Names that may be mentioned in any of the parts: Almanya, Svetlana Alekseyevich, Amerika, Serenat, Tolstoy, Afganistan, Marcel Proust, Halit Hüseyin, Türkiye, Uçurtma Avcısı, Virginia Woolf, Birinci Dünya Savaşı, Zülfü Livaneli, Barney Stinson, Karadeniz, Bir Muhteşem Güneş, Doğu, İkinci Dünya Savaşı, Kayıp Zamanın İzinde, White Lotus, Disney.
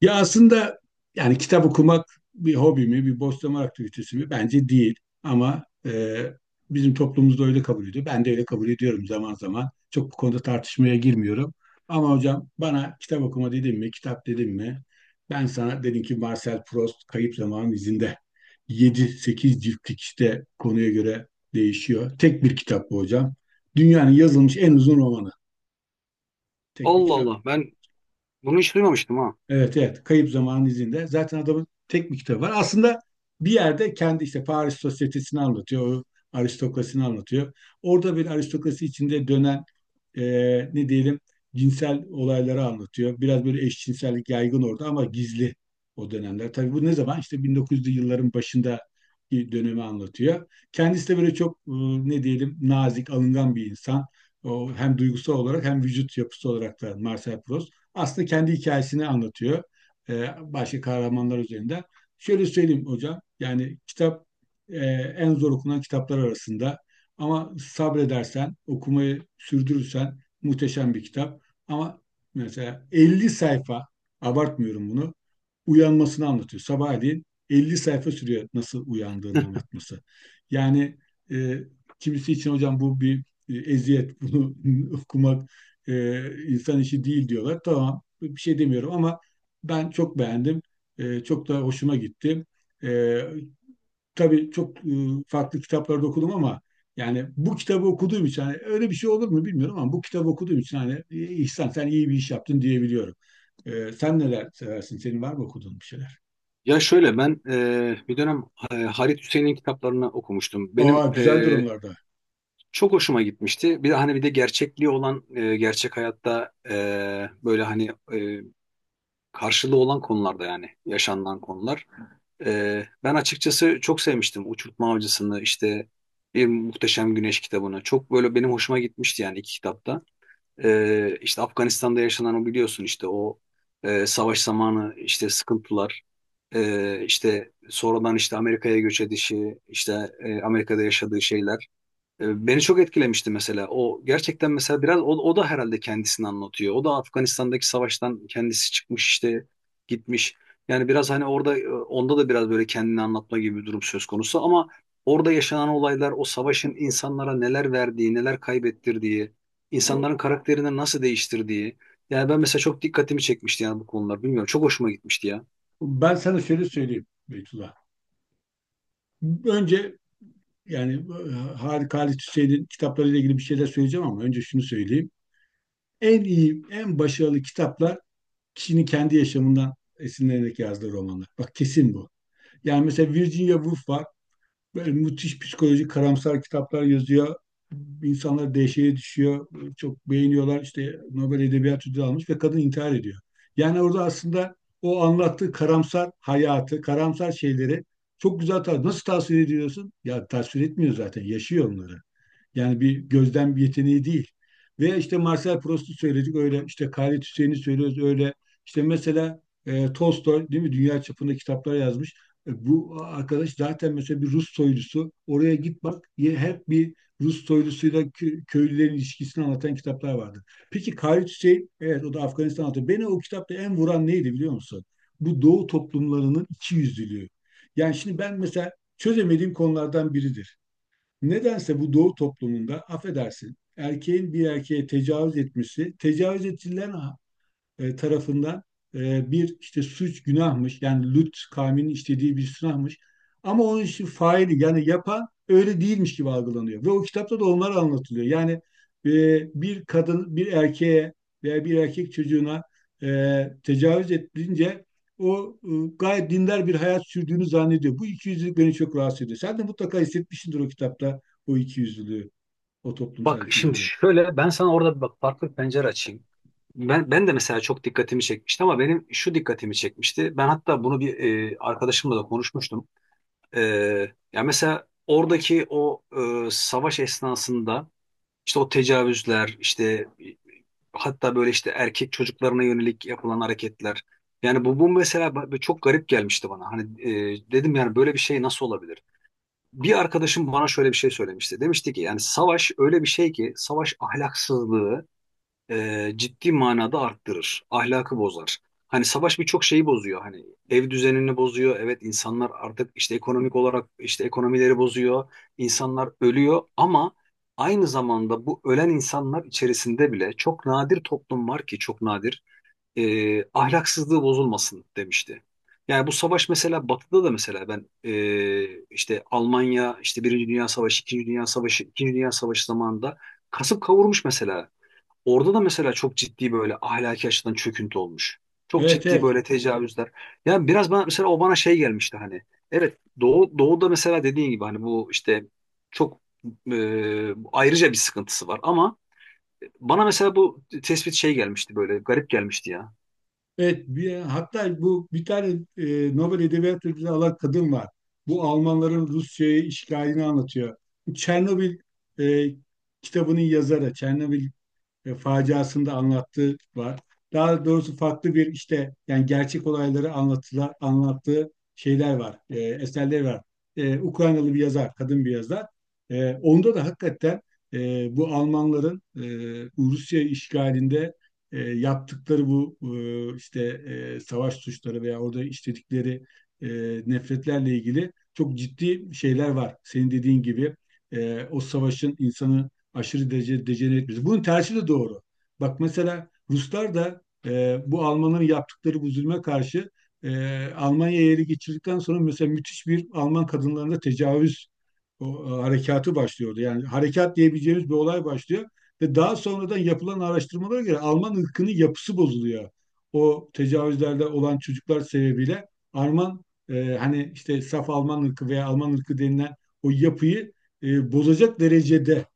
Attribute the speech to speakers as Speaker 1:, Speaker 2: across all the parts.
Speaker 1: Ya aslında yani kitap okumak bir hobi mi, bir boş zaman aktivitesi mi? Bence değil. Ama bizim toplumumuzda öyle kabul ediyor. Ben de öyle kabul ediyorum zaman zaman. Çok bu konuda tartışmaya girmiyorum. Ama hocam bana kitap okuma dedim mi, kitap dedim mi? Ben sana dedim ki Marcel Proust Kayıp Zamanın İzinde. Yedi sekiz ciltlik işte konuya göre değişiyor. Tek bir kitap bu hocam. Dünyanın yazılmış en uzun romanı. Tek bir
Speaker 2: Allah
Speaker 1: kitap.
Speaker 2: Allah ben bunu hiç duymamıştım ha.
Speaker 1: Evet evet. Kayıp Zamanın izinde. Zaten adamın tek bir kitabı var. Aslında bir yerde kendi işte Paris sosyetesini anlatıyor. O aristokrasini anlatıyor. Orada bir aristokrasi içinde dönen e, ne diyelim cinsel olayları anlatıyor. Biraz böyle eşcinsellik yaygın orada ama gizli o dönemler. Tabii bu ne zaman? İşte 1900'lü yılların başında bir dönemi anlatıyor. Kendisi de böyle çok ne diyelim nazik, alıngan bir insan. O hem duygusal olarak hem vücut yapısı olarak da Marcel Proust. Aslında kendi hikayesini anlatıyor. e, Başka kahramanlar üzerinde. Şöyle söyleyeyim hocam. Yani kitap e, en zor okunan kitaplar arasında. Ama sabredersen, okumayı sürdürürsen muhteşem bir kitap. Ama mesela 50 sayfa, abartmıyorum bunu, uyanmasını anlatıyor. Sabahleyin 50 sayfa sürüyor nasıl uyandığını anlatması. Yani e, kimisi için hocam bu bir eziyet, bunu okumak insan işi değil diyorlar. Tamam, bir şey demiyorum ama ben çok beğendim. Çok da hoşuma gitti. E, tabii çok farklı kitaplarda okudum ama yani bu kitabı okuduğum için hani öyle bir şey olur mu bilmiyorum ama bu kitabı okuduğum için hani İhsan sen iyi bir iş yaptın diyebiliyorum. Sen neler seversin? Senin var mı okuduğun bir şeyler?
Speaker 2: Ya şöyle ben bir dönem Halit Hüseyin'in kitaplarını okumuştum.
Speaker 1: Aa
Speaker 2: Benim
Speaker 1: güzel durumlarda.
Speaker 2: çok hoşuma gitmişti. Bir de hani bir de gerçekliği olan gerçek hayatta böyle hani karşılığı olan konularda yani yaşanılan konular. Ben açıkçası çok sevmiştim Uçurtma Avcısı'nı, işte Bir Muhteşem Güneş kitabını. Çok böyle benim hoşuma gitmişti yani iki kitapta. İşte Afganistan'da yaşanan, o biliyorsun, işte o savaş zamanı işte sıkıntılar, işte sonradan işte Amerika'ya göç edişi, işte Amerika'da yaşadığı şeyler beni çok etkilemişti mesela. O gerçekten, mesela biraz o da herhalde kendisini anlatıyor. O da Afganistan'daki savaştan kendisi çıkmış işte, gitmiş. Yani biraz hani orada onda da biraz böyle kendini anlatma gibi bir durum söz konusu, ama orada yaşanan olaylar, o savaşın insanlara neler verdiği, neler kaybettirdiği, insanların karakterini nasıl değiştirdiği. Yani ben mesela çok dikkatimi çekmişti yani bu konular. Bilmiyorum, çok hoşuma gitmişti ya.
Speaker 1: Ben sana şöyle söyleyeyim Beytullah. Önce yani Harika Halit Hüseyin'in kitaplarıyla ilgili bir şeyler söyleyeceğim ama önce şunu söyleyeyim. En iyi, en başarılı kitaplar kişinin kendi yaşamından esinlenerek yazdığı romanlar. Bak kesin bu. Yani mesela Virginia Woolf var. Böyle müthiş psikolojik karamsar kitaplar yazıyor. İnsanlar dehşete düşüyor. Çok beğeniyorlar. İşte Nobel Edebiyat Ödülü almış ve kadın intihar ediyor. Yani orada aslında o anlattığı karamsar hayatı, karamsar şeyleri çok güzel nasıl tasvir ediyorsun? Ya tasvir etmiyor zaten. Yaşıyor onları. Yani bir gözlem yeteneği değil. Ve işte Marcel Proust'u söyledik öyle işte Halit Hüseyin'i söylüyoruz öyle. İşte mesela Tolstoy değil mi dünya çapında kitaplar yazmış. Bu arkadaş zaten mesela bir Rus soylusu. Oraya git bak hep bir Rus soylusuyla köylülerin ilişkisini anlatan kitaplar vardı. Peki Halit Hüseyin evet o da Afganistan anlatıyor. Beni o kitapta en vuran neydi biliyor musun? Bu Doğu toplumlarının ikiyüzlülüğü. Yani şimdi ben mesela çözemediğim konulardan biridir. Nedense bu doğu toplumunda affedersin erkeğin bir erkeğe tecavüz etmesi tecavüz edilen tarafından bir işte suç günahmış yani Lut kavminin işlediği bir günahmış ama onun işi faili yani yapan öyle değilmiş gibi algılanıyor ve o kitapta da onlar anlatılıyor. Yani e, bir kadın bir erkeğe veya bir erkek çocuğuna e, tecavüz edilince o gayet dindar bir hayat sürdüğünü zannediyor. Bu ikiyüzlülük beni çok rahatsız ediyor. Sen de mutlaka hissetmişsindir o kitapta o ikiyüzlülüğü, o toplumsal
Speaker 2: Bak şimdi
Speaker 1: ikiyüzlülüğü.
Speaker 2: şöyle, ben sana orada bir bak farklı bir pencere açayım. Ben de mesela çok dikkatimi çekmişti, ama benim şu dikkatimi çekmişti. Ben hatta bunu bir arkadaşımla da konuşmuştum. E, ya mesela oradaki o savaş esnasında İşte o tecavüzler, işte hatta böyle işte erkek çocuklarına yönelik yapılan hareketler. Yani bu mesela çok garip gelmişti bana. Hani dedim yani böyle bir şey nasıl olabilir? Bir arkadaşım bana şöyle bir şey söylemişti. Demişti ki yani savaş öyle bir şey ki, savaş ahlaksızlığı ciddi manada arttırır. Ahlakı bozar. Hani savaş birçok şeyi bozuyor. Hani ev düzenini bozuyor. Evet, insanlar artık işte ekonomik olarak, işte ekonomileri bozuyor. İnsanlar ölüyor, ama aynı zamanda bu ölen insanlar içerisinde bile çok nadir toplum var ki çok nadir ahlaksızlığı bozulmasın, demişti. Yani bu savaş mesela Batı'da da, mesela ben işte Almanya, işte Birinci Dünya Savaşı, İkinci Dünya Savaşı, İkinci Dünya Savaşı zamanında kasıp kavurmuş mesela. Orada da mesela çok ciddi böyle ahlaki açıdan çöküntü olmuş. Çok
Speaker 1: Evet,
Speaker 2: ciddi
Speaker 1: evet.
Speaker 2: böyle tecavüzler. Yani biraz bana mesela, o bana şey gelmişti hani. Evet, Doğu'da mesela, dediğin gibi hani bu işte çok ayrıca bir sıkıntısı var, ama bana mesela bu tespit şey gelmişti, böyle garip gelmişti ya.
Speaker 1: Evet, hatta bu bir tane Nobel Edebiyat Ödülü alan kadın var. Bu Almanların Rusya'ya işgalini anlatıyor. Bu Çernobil e, kitabının yazarı, Çernobil faciasında anlattığı var. Daha doğrusu farklı bir işte yani gerçek olayları anlattığı şeyler var, eserleri var. Ukraynalı bir yazar, kadın bir yazar. Onda da hakikaten bu Almanların Rusya işgalinde yaptıkları bu işte savaş suçları veya orada işledikleri e, nefretlerle ilgili çok ciddi şeyler var. Senin dediğin gibi o savaşın insanı aşırı derece dejenere etmesi. Bunun tersi de doğru. Bak mesela Ruslar da bu Almanların yaptıkları bu zulme karşı Almanya'ya ele geçirdikten sonra mesela müthiş bir Alman kadınlarında tecavüz harekatı başlıyordu. Yani harekat diyebileceğimiz bir olay başlıyor ve daha sonradan yapılan araştırmalara göre Alman ırkının yapısı bozuluyor. O tecavüzlerde olan çocuklar sebebiyle Alman hani işte saf Alman ırkı veya Alman ırkı denilen o yapıyı bozacak derecede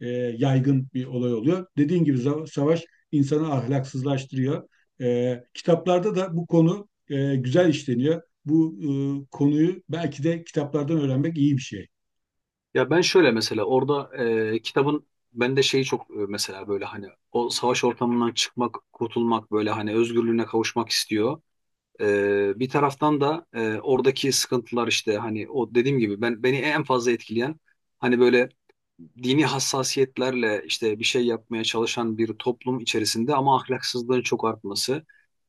Speaker 1: e, yaygın bir olay oluyor. Dediğin gibi savaş insanı ahlaksızlaştırıyor. Kitaplarda da bu konu güzel işleniyor. Bu konuyu belki de kitaplardan öğrenmek iyi bir şey.
Speaker 2: Ya ben şöyle mesela orada kitabın bende şeyi çok, mesela böyle hani o savaş ortamından çıkmak, kurtulmak, böyle hani özgürlüğüne kavuşmak istiyor. Bir taraftan da oradaki sıkıntılar, işte hani o dediğim gibi beni en fazla etkileyen, hani böyle dini hassasiyetlerle işte bir şey yapmaya çalışan bir toplum içerisinde ama ahlaksızlığın çok artması.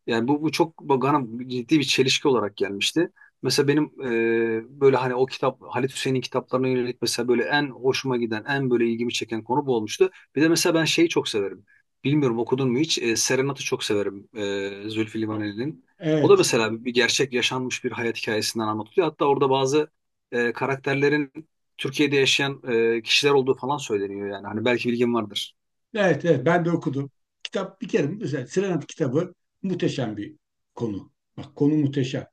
Speaker 2: Yani bu çok bana ciddi bir çelişki olarak gelmişti. Mesela benim böyle hani o kitap, Halit Hüseyin'in kitaplarına yönelik mesela böyle en hoşuma giden, en böyle ilgimi çeken konu bu olmuştu. Bir de mesela ben şeyi çok severim. Bilmiyorum, okudun mu hiç? Serenat'ı çok severim, Zülfü Livaneli'nin. O da
Speaker 1: Evet,
Speaker 2: mesela bir gerçek yaşanmış bir hayat hikayesinden anlatılıyor. Hatta orada bazı karakterlerin Türkiye'de yaşayan kişiler olduğu falan söyleniyor yani. Hani belki bilgin vardır.
Speaker 1: evet, evet. Ben de okudum. Kitap bir kere mesela Serenat kitabı muhteşem bir konu. Bak konu muhteşem.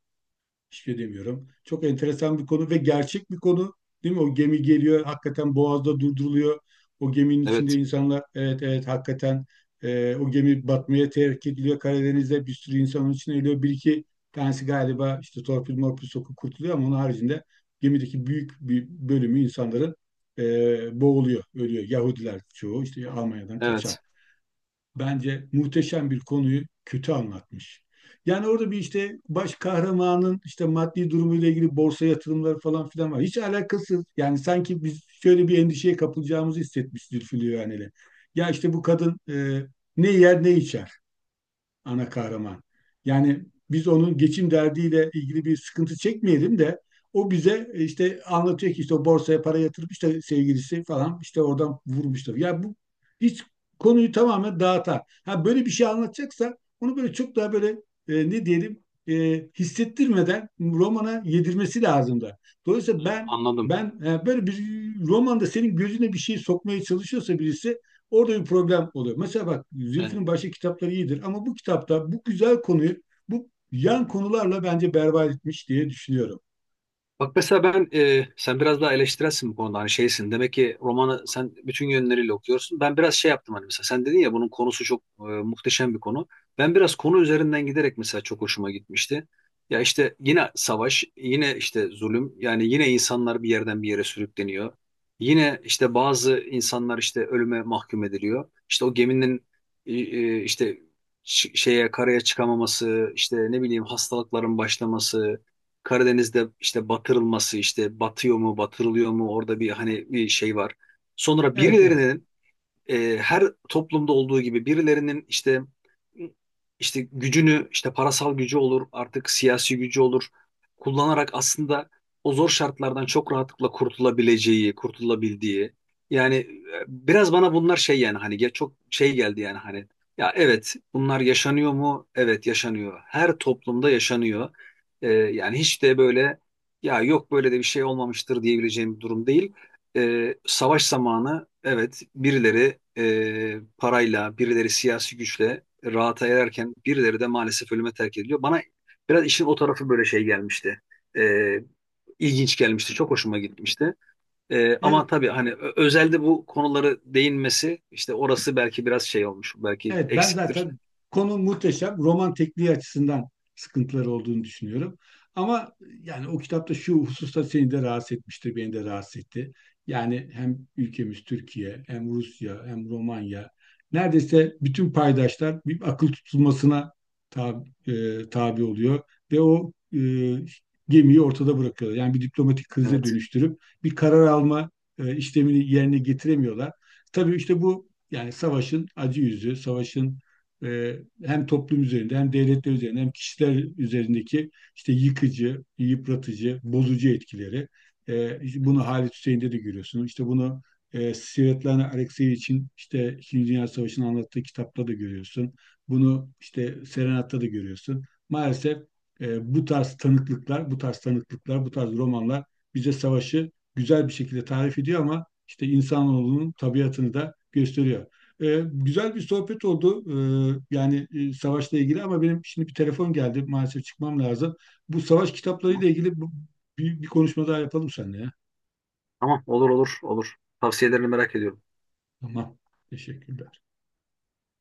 Speaker 1: Hiçbir şey demiyorum. Çok enteresan bir konu ve gerçek bir konu. Değil mi? O gemi geliyor, hakikaten boğazda durduruluyor. O geminin içinde
Speaker 2: Evet,
Speaker 1: insanlar, evet evet hakikaten o gemi batmaya terk ediliyor. Karadeniz'de bir sürü insanın içine ölüyor. Bir iki tanesi galiba işte torpil morpil sokup kurtuluyor ama onun haricinde gemideki büyük bir bölümü insanların boğuluyor, ölüyor. Yahudiler çoğu işte Almanya'dan kaçan
Speaker 2: evet.
Speaker 1: bence muhteşem bir konuyu kötü anlatmış. Yani orada bir işte baş kahramanın işte maddi durumuyla ilgili borsa yatırımları falan filan var. Hiç alakasız. Yani sanki biz şöyle bir endişeye kapılacağımızı hissetmiş Zülfü Livaneli. Ya işte bu kadın ne yer ne içer ana kahraman. Yani biz onun geçim derdiyle ilgili bir sıkıntı çekmeyelim de o bize işte anlatıyor ki işte o borsaya para yatırıp işte sevgilisi falan işte oradan vurmuşlar. Ya bu hiç konuyu tamamen dağıtar. Ha böyle bir şey anlatacaksa onu böyle çok daha böyle ne diyelim hissettirmeden romana yedirmesi lazım da.
Speaker 2: Hı,
Speaker 1: Dolayısıyla ben
Speaker 2: anladım.
Speaker 1: böyle bir romanda senin gözüne bir şey sokmaya çalışıyorsa birisi orada bir problem oluyor. Mesela bak
Speaker 2: E,
Speaker 1: Zülfü'nün başka kitapları iyidir ama bu kitapta bu güzel konuyu bu yan konularla bence berbat etmiş diye düşünüyorum.
Speaker 2: Bak mesela ben, sen biraz daha eleştirelsin bu konuda, hani şeysin demek ki, romanı sen bütün yönleriyle okuyorsun. Ben biraz şey yaptım hani, mesela sen dedin ya bunun konusu çok muhteşem bir konu. Ben biraz konu üzerinden giderek mesela çok hoşuma gitmişti. Ya işte yine savaş, yine işte zulüm, yani yine insanlar bir yerden bir yere sürükleniyor. Yine işte bazı insanlar işte ölüme mahkum ediliyor. İşte o geminin işte şeye, karaya çıkamaması, işte ne bileyim hastalıkların başlaması, Karadeniz'de işte batırılması, işte batıyor mu, batırılıyor mu, orada bir hani bir şey var. Sonra
Speaker 1: Evet evet.
Speaker 2: birilerinin, her toplumda olduğu gibi, birilerinin işte gücünü, işte parasal gücü olur artık, siyasi gücü olur, kullanarak aslında o zor şartlardan çok rahatlıkla kurtulabileceği, kurtulabildiği. Yani biraz bana bunlar şey, yani hani çok şey geldi, yani hani, ya evet bunlar yaşanıyor mu? Evet, yaşanıyor. Her toplumda yaşanıyor. Yani hiç de böyle ya, yok böyle de bir şey olmamıştır diyebileceğim bir durum değil. Savaş zamanı evet, birileri parayla, birileri siyasi güçle rahata ererken, birileri de maalesef ölüme terk ediliyor. Bana biraz işin o tarafı böyle şey gelmişti. E, ilginç gelmişti. Çok hoşuma gitmişti. Ama
Speaker 1: Evet.
Speaker 2: tabii hani özelde bu konuları değinmesi, işte orası belki biraz şey olmuş. Belki
Speaker 1: Evet, ben
Speaker 2: eksiktir.
Speaker 1: zaten konu muhteşem. Roman tekniği açısından sıkıntıları olduğunu düşünüyorum. Ama yani o kitapta şu hususta seni de rahatsız etmiştir, beni de rahatsız etti. Yani hem ülkemiz Türkiye, hem Rusya, hem Romanya, neredeyse bütün paydaşlar bir akıl tutulmasına tabi, tabi oluyor ve o gemiyi ortada bırakıyorlar. Yani bir diplomatik krize
Speaker 2: Evet.
Speaker 1: dönüştürüp bir karar alma işlemini yerine getiremiyorlar. Tabii işte bu yani savaşın acı yüzü, savaşın e, hem toplum üzerinde hem devletler üzerinde hem kişiler üzerindeki işte yıkıcı, yıpratıcı, bozucu etkileri. İşte bunu Halit Hüseyin'de de görüyorsunuz. İşte bunu Svetlana Alekseyevich'in işte İkinci Dünya Savaşı'nı anlattığı kitapta da görüyorsun. Bunu işte Serenat'ta da görüyorsun. Maalesef bu tarz tanıklıklar, bu tarz tanıklıklar, bu tarz romanlar bize savaşı güzel bir şekilde tarif ediyor ama işte insanoğlunun tabiatını da gösteriyor. Güzel bir sohbet oldu. Yani savaşla ilgili ama benim şimdi bir telefon geldi. Maalesef çıkmam lazım. Bu savaş kitaplarıyla
Speaker 2: Tamam.
Speaker 1: ilgili bir konuşma daha yapalım seninle ya.
Speaker 2: Tamam. Olur, olur, olur. Tavsiyelerini merak ediyorum.
Speaker 1: Tamam. Teşekkürler.